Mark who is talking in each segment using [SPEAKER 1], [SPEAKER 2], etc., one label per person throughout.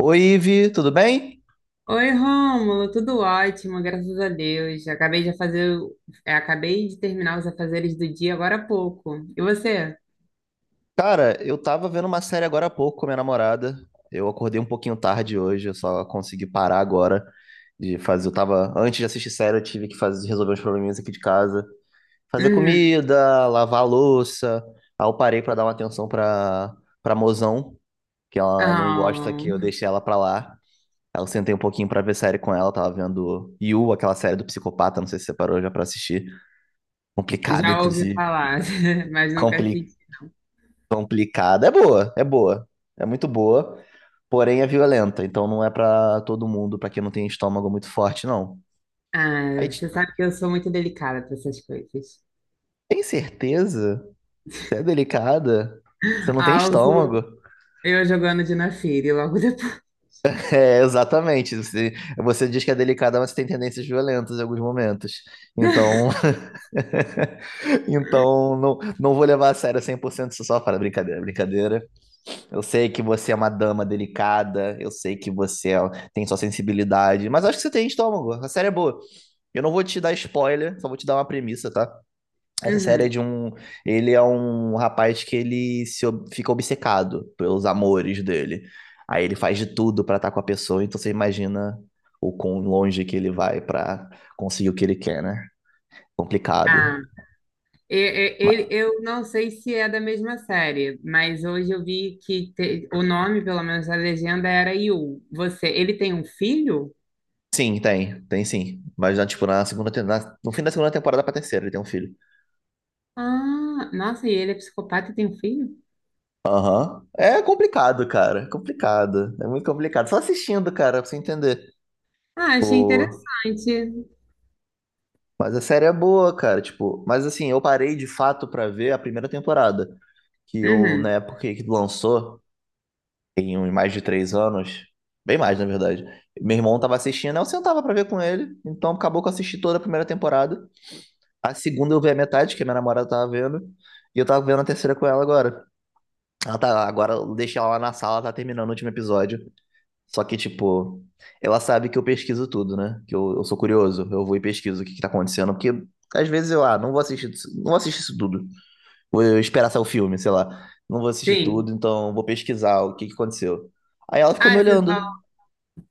[SPEAKER 1] Oi, Ivi, tudo bem?
[SPEAKER 2] Oi, Rômulo, tudo ótimo, graças a Deus. Acabei de fazer, acabei de terminar os afazeres do dia agora há pouco. E você?
[SPEAKER 1] Cara, eu tava vendo uma série agora há pouco com minha namorada. Eu acordei um pouquinho tarde hoje, eu só consegui parar agora de fazer. Eu tava, antes de assistir série, eu tive que fazer, resolver uns probleminhas aqui de casa, fazer
[SPEAKER 2] Hum,
[SPEAKER 1] comida, lavar a louça. Aí eu parei pra dar uma atenção pra para mozão, que ela não gosta
[SPEAKER 2] ah,
[SPEAKER 1] que eu deixe ela pra lá. Aí eu sentei um pouquinho pra ver série com ela, tava vendo You, aquela série do psicopata, não sei se você parou já pra assistir. Complicada,
[SPEAKER 2] já ouvi
[SPEAKER 1] inclusive.
[SPEAKER 2] falar, mas nunca assisti.
[SPEAKER 1] Complicada. É boa, é boa. É muito boa, porém é violenta. Então não é pra todo mundo, pra quem não tem estômago muito forte, não.
[SPEAKER 2] Ah,
[SPEAKER 1] Aí,
[SPEAKER 2] você sabe que eu sou muito delicada para essas coisas.
[SPEAKER 1] tem certeza? Você é delicada? Você não tem
[SPEAKER 2] Alzo,
[SPEAKER 1] estômago?
[SPEAKER 2] eu jogando Dina Fire logo depois.
[SPEAKER 1] É, exatamente. Você diz que é delicada, mas você tem tendências violentas em alguns momentos. Então, então não, não vou levar a sério 100% isso só. Fala, brincadeira, brincadeira. Eu sei que você é uma dama delicada, eu sei que tem sua sensibilidade, mas acho que você tem estômago. A série é boa. Eu não vou te dar spoiler, só vou te dar uma premissa, tá? Essa série é
[SPEAKER 2] Uhum.
[SPEAKER 1] de um. Ele é um rapaz que ele se ob- fica obcecado pelos amores dele. Aí ele faz de tudo pra estar com a pessoa, então você imagina o quão longe que ele vai pra conseguir o que ele quer, né? Complicado.
[SPEAKER 2] Ah, E- e- e-
[SPEAKER 1] Ma-
[SPEAKER 2] Eu não sei se é da mesma série, mas hoje eu vi que o nome, pelo menos a legenda, era Yu. Você, ele tem um filho?
[SPEAKER 1] Sim, tem sim. Mas já, tipo, na segunda, no fim da segunda temporada pra terceira, ele tem um filho.
[SPEAKER 2] Ah, nossa, e ele é psicopata e tem um filho?
[SPEAKER 1] Aham. É complicado, cara. É complicado. É muito complicado. Só assistindo, cara, pra você entender.
[SPEAKER 2] Ah, achei
[SPEAKER 1] Pô.
[SPEAKER 2] interessante.
[SPEAKER 1] Mas a série é boa, cara. Tipo, mas assim, eu parei de fato pra ver a primeira temporada. Que eu, na
[SPEAKER 2] Uhum,
[SPEAKER 1] época que lançou, tem uns mais de 3 anos. Bem mais, na verdade. Meu irmão tava assistindo, eu sentava pra ver com ele. Então acabou que eu assisti toda a primeira temporada. A segunda eu vi a metade, que a minha namorada tava vendo. E eu tava vendo a terceira com ela agora. Ela tá, agora eu deixei ela lá na sala, tá terminando o último episódio. Só que, tipo, ela sabe que eu pesquiso tudo, né? Que eu sou curioso, eu vou e pesquiso o que que tá acontecendo, porque às vezes eu, ah, não vou assistir, não vou assistir isso tudo. Vou esperar sair o filme, sei lá. Não vou assistir
[SPEAKER 2] sim.
[SPEAKER 1] tudo, então vou pesquisar o que que aconteceu. Aí ela ficou me
[SPEAKER 2] Ah,
[SPEAKER 1] olhando.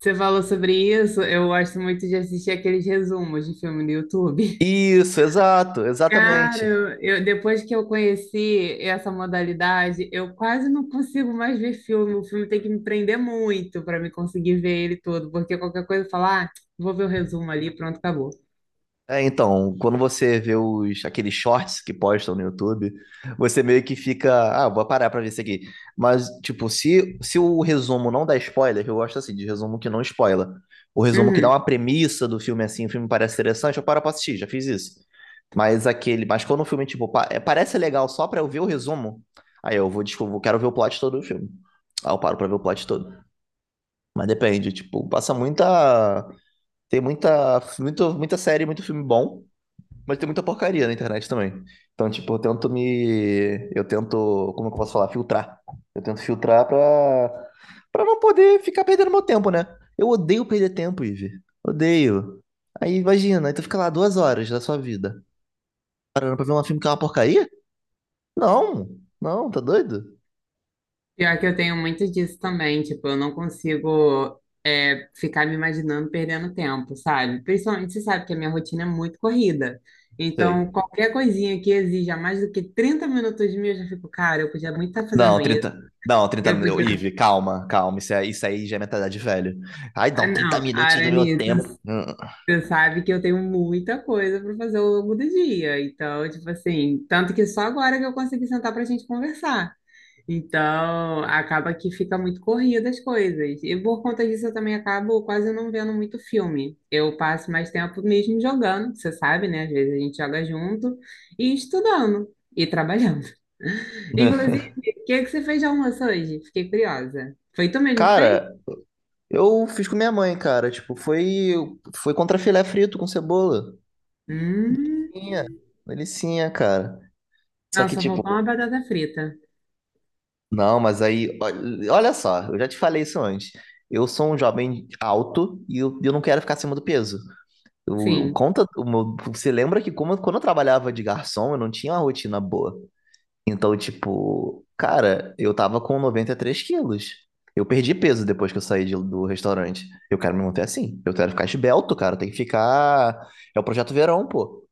[SPEAKER 2] você falou sobre isso. Eu gosto muito de assistir aqueles resumos de filme no YouTube.
[SPEAKER 1] Isso, exato,
[SPEAKER 2] Cara,
[SPEAKER 1] exatamente.
[SPEAKER 2] depois que eu conheci essa modalidade, eu quase não consigo mais ver filme. O filme tem que me prender muito para me conseguir ver ele todo, porque qualquer coisa falar, ah, vou ver o resumo ali, pronto, acabou.
[SPEAKER 1] É, então, quando você vê os, aqueles shorts que postam no YouTube, você meio que fica, ah, vou parar pra ver isso aqui. Mas, tipo, se o resumo não dá spoiler, eu gosto assim, de resumo que não spoiler. O resumo que dá
[SPEAKER 2] Uhum.
[SPEAKER 1] uma premissa do filme assim, o filme parece interessante, eu paro pra assistir, já fiz isso. Mas aquele, mas quando o filme, tipo, é, parece legal só pra eu ver o resumo, aí eu vou, desculpa, quero ver o plot todo do filme. Aí eu paro pra ver o plot todo. Mas depende, tipo, passa muita, tem muita, muito, muita série, muito filme bom. Mas tem muita porcaria na internet também. Então, tipo, eu tento me. Eu tento. Como é que eu posso falar? Filtrar. Eu tento filtrar pra. Pra não poder ficar perdendo meu tempo, né? Eu odeio perder tempo, Ive. Odeio. Aí imagina, aí tu fica lá duas horas da sua vida. Parando pra ver um filme que é uma porcaria? Não, não, tá doido?
[SPEAKER 2] Pior que eu tenho muito disso também, tipo, eu não consigo ficar me imaginando perdendo tempo, sabe? Principalmente, você sabe que a minha rotina é muito corrida. Então,
[SPEAKER 1] Sei.
[SPEAKER 2] qualquer coisinha que exija mais do que 30 minutos de mim, eu já fico, cara, eu podia muito estar
[SPEAKER 1] Não,
[SPEAKER 2] fazendo isso.
[SPEAKER 1] 30 Não, 30
[SPEAKER 2] Eu podia.
[SPEAKER 1] minutos. Ive, calma, calma. Isso, é, isso aí já é mentalidade de velho. Ai,
[SPEAKER 2] Ah,
[SPEAKER 1] não, 30
[SPEAKER 2] não,
[SPEAKER 1] minutos do meu
[SPEAKER 2] Aranita,
[SPEAKER 1] tempo. Hum.
[SPEAKER 2] você sabe que eu tenho muita coisa para fazer ao longo do dia. Então, tipo assim, tanto que só agora que eu consegui sentar para a gente conversar. Então, acaba que fica muito corrida as coisas. E por conta disso, eu também acabo quase não vendo muito filme. Eu passo mais tempo mesmo jogando, você sabe, né? Às vezes a gente joga junto e estudando e trabalhando. Inclusive, o que que você fez de almoço hoje? Fiquei curiosa. Foi tu mesmo que fez?
[SPEAKER 1] Cara, eu fiz com minha mãe, cara. Tipo, foi contra filé frito com cebola.
[SPEAKER 2] Hum,
[SPEAKER 1] Delicinha, delicinha, cara. Só que,
[SPEAKER 2] nossa, faltou
[SPEAKER 1] tipo,
[SPEAKER 2] uma batata frita.
[SPEAKER 1] não, mas aí, olha só, eu já te falei isso antes. Eu sou um jovem alto e eu não quero ficar acima do peso. Eu
[SPEAKER 2] Sim.
[SPEAKER 1] conta, você lembra que como, quando eu trabalhava de garçom, eu não tinha uma rotina boa. Então, tipo, cara, eu tava com 93 quilos. Eu perdi peso depois que eu saí do restaurante. Eu quero me manter assim. Eu quero ficar esbelto, cara. Tem que ficar. É o projeto verão, pô.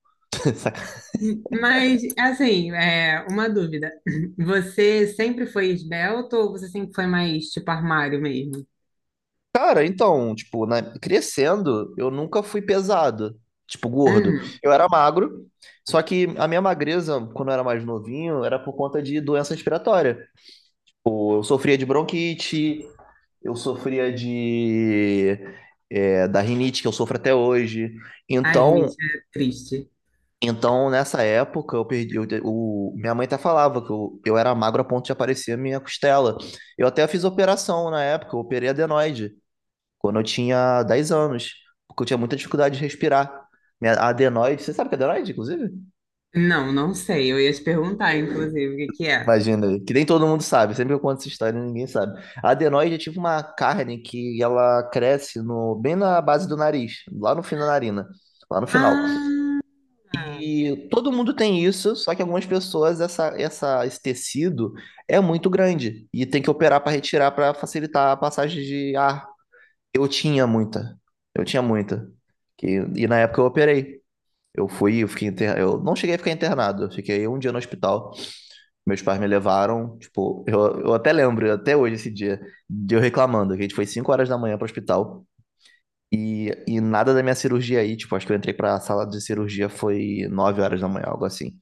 [SPEAKER 2] Mas, assim, é uma dúvida. Você sempre foi esbelto ou você sempre foi mais tipo armário mesmo?
[SPEAKER 1] Cara, então, tipo, crescendo, eu nunca fui pesado. Tipo, gordo.
[SPEAKER 2] Hum.
[SPEAKER 1] Eu era magro, só que a minha magreza, quando eu era mais novinho, era por conta de doença respiratória. Pô, eu sofria de bronquite, eu sofria de. Da rinite que eu sofro até hoje.
[SPEAKER 2] Ai,
[SPEAKER 1] Então,
[SPEAKER 2] gente, é triste.
[SPEAKER 1] Nessa época, eu perdi. Minha mãe até falava que eu era magro a ponto de aparecer a minha costela. Eu até fiz operação na época, eu operei adenoide, quando eu tinha 10 anos, porque eu tinha muita dificuldade de respirar. Minha a adenoide, você sabe que é adenoide, inclusive?
[SPEAKER 2] Não, não sei. Eu ia te perguntar, inclusive, o que que é.
[SPEAKER 1] Imagina, aí, que nem todo mundo sabe, sempre que eu conto essa história, ninguém sabe. A adenoide é tipo uma carne que ela cresce no, bem na base do nariz, lá no fim da narina, lá no final.
[SPEAKER 2] Ah!
[SPEAKER 1] E todo mundo tem isso, só que algumas pessoas essa, esse tecido é muito grande e tem que operar para retirar para facilitar a passagem de ar. Eu tinha muita, eu tinha muita. E na época eu operei. Eu fui, eu fiquei inter... eu não cheguei a ficar internado, eu fiquei um dia no hospital. Meus pais me levaram, tipo, eu até lembro, até hoje esse dia, de eu reclamando, que a gente foi 5 horas da manhã para o hospital. E nada da minha cirurgia aí, tipo, acho que eu entrei pra sala de cirurgia foi 9 horas da manhã, algo assim.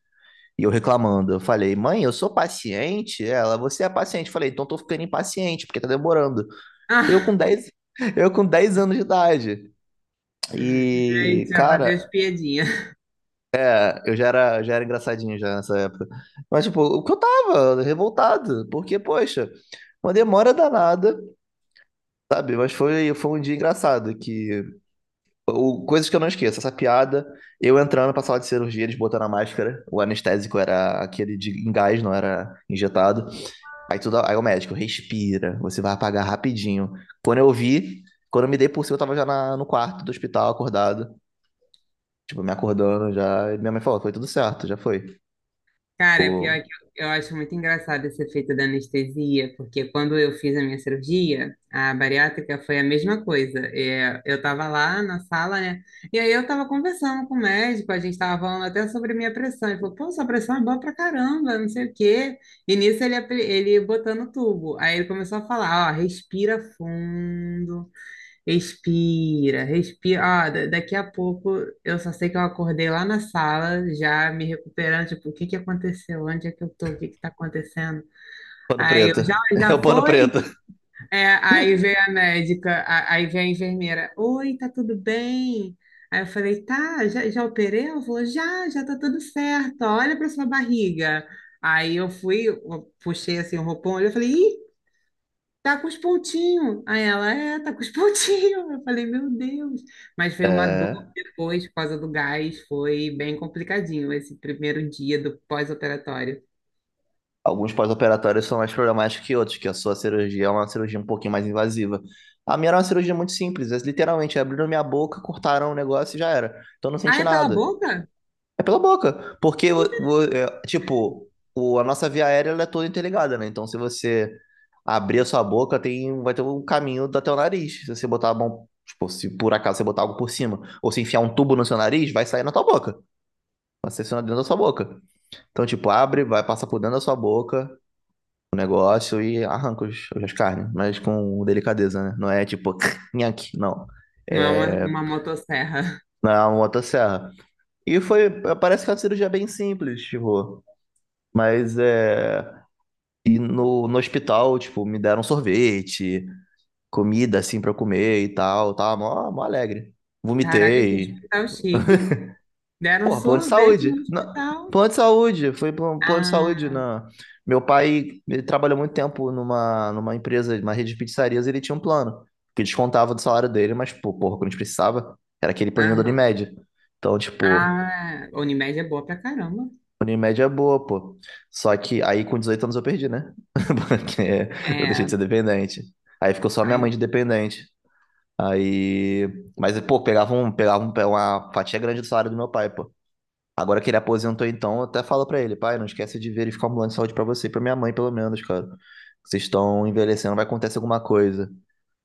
[SPEAKER 1] E eu reclamando. Eu falei, mãe, eu sou paciente? Ela, você é paciente. Eu falei, então tô ficando impaciente, porque tá demorando. Eu
[SPEAKER 2] Ah,
[SPEAKER 1] com 10 Eu com 10 anos de idade.
[SPEAKER 2] gente,
[SPEAKER 1] E,
[SPEAKER 2] já fazia as
[SPEAKER 1] cara,
[SPEAKER 2] piadinhas.
[SPEAKER 1] eu já era engraçadinho já nessa época. Mas, tipo, o que eu tava revoltado, porque, poxa, uma demora danada, sabe? Mas foi, foi um dia engraçado, que o, coisas que eu não esqueço, essa piada, eu entrando pra sala de cirurgia, eles botando a máscara, o anestésico era aquele de em gás, não era injetado. Aí, o médico respira, você vai apagar rapidinho. Quando eu vi, quando eu me dei por cima, eu tava já no quarto do hospital, acordado. Tipo, me acordando já. E minha mãe falou: foi tudo certo, já foi.
[SPEAKER 2] Cara, pior que eu acho muito engraçado esse efeito da anestesia, porque quando eu fiz a minha cirurgia, a bariátrica foi a mesma coisa. É, eu tava lá na sala, né? E aí eu tava conversando com o médico, a gente tava falando até sobre a minha pressão. Ele falou, pô, sua pressão é boa pra caramba, não sei o quê. E nisso ele, ele botando o tubo. Aí ele começou a falar, ó, respira fundo. Respira, respira. Ó, daqui a pouco eu só sei que eu acordei lá na sala, já me recuperando, tipo, o que que aconteceu? Onde é que eu tô? O que que tá acontecendo?
[SPEAKER 1] Pano
[SPEAKER 2] Aí eu
[SPEAKER 1] preto.
[SPEAKER 2] já,
[SPEAKER 1] É o
[SPEAKER 2] já
[SPEAKER 1] pano
[SPEAKER 2] foi?
[SPEAKER 1] preto.
[SPEAKER 2] É, aí veio a médica, aí veio a enfermeira. Oi, tá tudo bem? Aí eu falei, tá, já, já operei? Ela falou, já, já tá tudo certo, olha pra sua barriga. Aí eu fui, eu puxei assim o roupão, olhei, eu falei, ih, tá com os pontinhos. Aí ela, é, tá com os pontinhos. Eu falei, meu Deus. Mas foi uma dor
[SPEAKER 1] É.
[SPEAKER 2] depois, por causa do gás. Foi bem complicadinho esse primeiro dia do pós-operatório.
[SPEAKER 1] Alguns pós-operatórios são mais problemáticos que outros, que a sua cirurgia é uma cirurgia um pouquinho mais invasiva. A minha era uma cirurgia muito simples. Eles literalmente abriram minha boca, cortaram o negócio e já era. Então eu não
[SPEAKER 2] Ah,
[SPEAKER 1] senti
[SPEAKER 2] é pela
[SPEAKER 1] nada.
[SPEAKER 2] boca?
[SPEAKER 1] É pela boca, porque, é, tipo, a nossa via aérea ela é toda interligada, né? Então, se você abrir a sua boca, tem, vai ter um caminho até o nariz. Se você botar a mão, tipo, se por acaso você botar algo por cima, ou se enfiar um tubo no seu nariz, vai sair na tua boca, vai sair dentro da sua boca. Então, tipo, abre, vai passar por dentro da sua boca o negócio e arranca os, as carnes, mas com delicadeza, né? Não é tipo, nhaque, não.
[SPEAKER 2] Não é
[SPEAKER 1] É
[SPEAKER 2] uma motosserra.
[SPEAKER 1] na motosserra. E foi, parece que é uma cirurgia bem simples, tipo. Mas é. E no, no hospital, tipo, me deram um sorvete, comida assim pra eu comer e tal. Tava mó, mó alegre.
[SPEAKER 2] Caraca, que
[SPEAKER 1] Vomitei.
[SPEAKER 2] hospital chique. Deram
[SPEAKER 1] Porra, plano de
[SPEAKER 2] sorvete
[SPEAKER 1] saúde.
[SPEAKER 2] no hospital.
[SPEAKER 1] Plano de saúde, foi plano de saúde.
[SPEAKER 2] Ah,
[SPEAKER 1] Meu pai ele trabalhou muito tempo numa, numa empresa, numa rede de pizzarias, e ele tinha um plano, que descontava do salário dele, mas, pô, porra, quando a gente precisava, era aquele planinho do
[SPEAKER 2] aham.
[SPEAKER 1] Unimed. Então, tipo,
[SPEAKER 2] Ah, Unimed é boa pra caramba.
[SPEAKER 1] Unimed é boa, pô. Só que aí com 18 anos eu perdi, né? Porque eu deixei de
[SPEAKER 2] É,
[SPEAKER 1] ser dependente. Aí ficou só minha mãe
[SPEAKER 2] aí,
[SPEAKER 1] de dependente. Aí. Mas, pô, uma fatia grande do salário do meu pai, pô. Agora que ele aposentou, então, eu até falo pra ele, pai, não esquece de verificar um plano de saúde pra você e pra minha mãe, pelo menos, cara. Vocês estão envelhecendo, vai acontecer alguma coisa.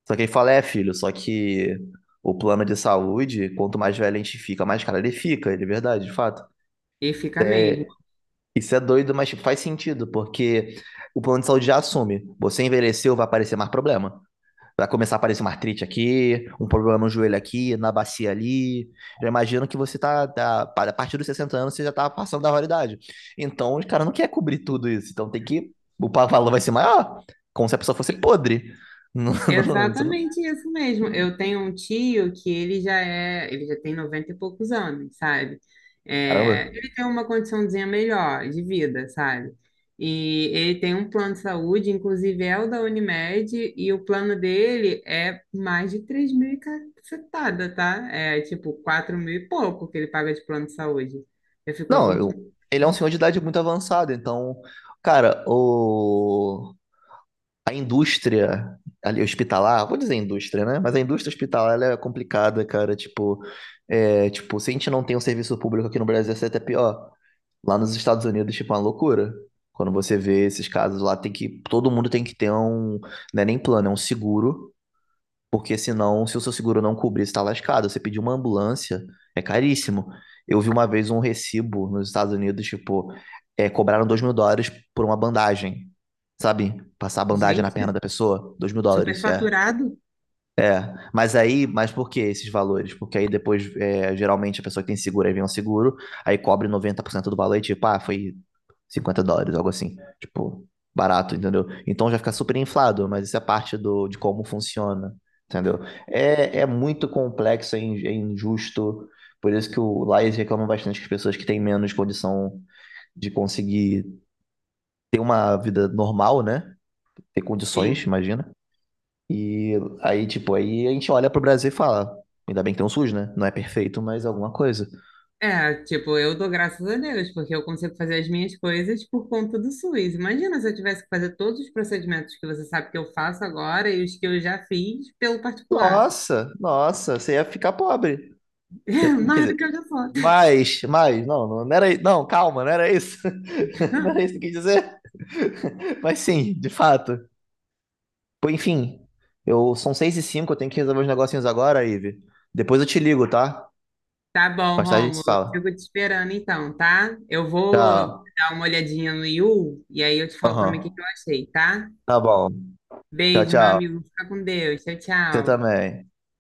[SPEAKER 1] Só que ele fala, é, filho, só que o plano de saúde, quanto mais velho a gente fica, mais caro ele fica, ele é verdade, de fato.
[SPEAKER 2] e fica mesmo.
[SPEAKER 1] Isso é doido, mas tipo, faz sentido, porque o plano de saúde já assume. Você envelheceu, vai aparecer mais problema. Vai começar a aparecer uma artrite aqui, um problema no joelho aqui, na bacia ali. Já imagino que você tá, a partir dos 60 anos, você já tá passando da validade. Então, os caras não querem cobrir tudo isso. Então, tem que. Valor vai ser maior. Como se a pessoa fosse podre. Não, não,
[SPEAKER 2] Exatamente isso mesmo. Eu tenho um tio que ele já é, ele já tem 90 e poucos anos, sabe?
[SPEAKER 1] Caramba.
[SPEAKER 2] É, ele tem uma condiçãozinha melhor de vida, sabe? E ele tem um plano de saúde, inclusive é o da Unimed, e o plano dele é mais de 3 mil e cacetada, tá? É tipo 4 mil e pouco que ele paga de plano de saúde. Eu fico,
[SPEAKER 1] Não,
[SPEAKER 2] gente,
[SPEAKER 1] ele é um senhor de idade muito avançada. Então, cara, o. A indústria ali hospitalar, vou dizer indústria, né? Mas a indústria hospitalar ela é complicada, cara. Tipo, é, tipo, se a gente não tem um serviço público aqui no Brasil, isso é até pior. Lá nos Estados Unidos, tipo, é uma loucura. Quando você vê esses casos lá, tem que, todo mundo tem que ter um, não é nem plano, é um seguro porque senão, se o seu seguro não cobrir, você tá lascado. Você pedir uma ambulância, é caríssimo. Eu vi uma vez um recibo nos Estados Unidos, tipo, é, cobraram US$ 2.000 por uma bandagem. Sabe? Passar a bandagem na perna
[SPEAKER 2] gente,
[SPEAKER 1] da pessoa, US$ 2.000, é.
[SPEAKER 2] superfaturado?
[SPEAKER 1] É, mas aí, mas por que esses valores? Porque aí depois, é, geralmente, a pessoa que tem seguro, aí vem um seguro, aí cobre 90% do valor e tipo, ah, foi US$ 50, algo assim. Tipo, barato, entendeu? Então já fica super inflado, mas isso é parte do, de como funciona, entendeu? É, é muito complexo, é, é injusto. Por isso que o lá eles reclamam bastante que as pessoas que têm menos condição de conseguir ter uma vida normal, né? Ter condições,
[SPEAKER 2] Sim.
[SPEAKER 1] imagina e aí, tipo, aí a gente olha pro Brasil e fala, ainda bem que tem um SUS, né? Não é perfeito, mas é alguma coisa.
[SPEAKER 2] É, tipo, eu dou graças a Deus, porque eu consigo fazer as minhas coisas por conta do SUS. Imagina se eu tivesse que fazer todos os procedimentos que você sabe que eu faço agora e os que eu já fiz pelo particular.
[SPEAKER 1] Nossa, nossa, você ia ficar pobre.
[SPEAKER 2] É,
[SPEAKER 1] Quer
[SPEAKER 2] mais do
[SPEAKER 1] dizer,
[SPEAKER 2] que eu já faço.
[SPEAKER 1] mas, não, não não era, não, calma, não era isso. Não era isso que eu quis dizer. Mas sim, de fato. Pô, enfim, eu são 6h05, eu tenho que resolver os negocinhos agora, Ive. Depois eu te ligo, tá?
[SPEAKER 2] Tá bom,
[SPEAKER 1] Mais tarde a gente se
[SPEAKER 2] Rômulo, eu
[SPEAKER 1] fala.
[SPEAKER 2] fico te esperando então, tá? Eu vou
[SPEAKER 1] Tchau.
[SPEAKER 2] dar uma olhadinha no Yu e aí eu te falo também o que que
[SPEAKER 1] Aham.
[SPEAKER 2] eu achei, tá?
[SPEAKER 1] Tá bom. Tchau,
[SPEAKER 2] Beijo, meu
[SPEAKER 1] tchau.
[SPEAKER 2] amigo, fica com Deus. Tchau,
[SPEAKER 1] Você
[SPEAKER 2] tchau.
[SPEAKER 1] também.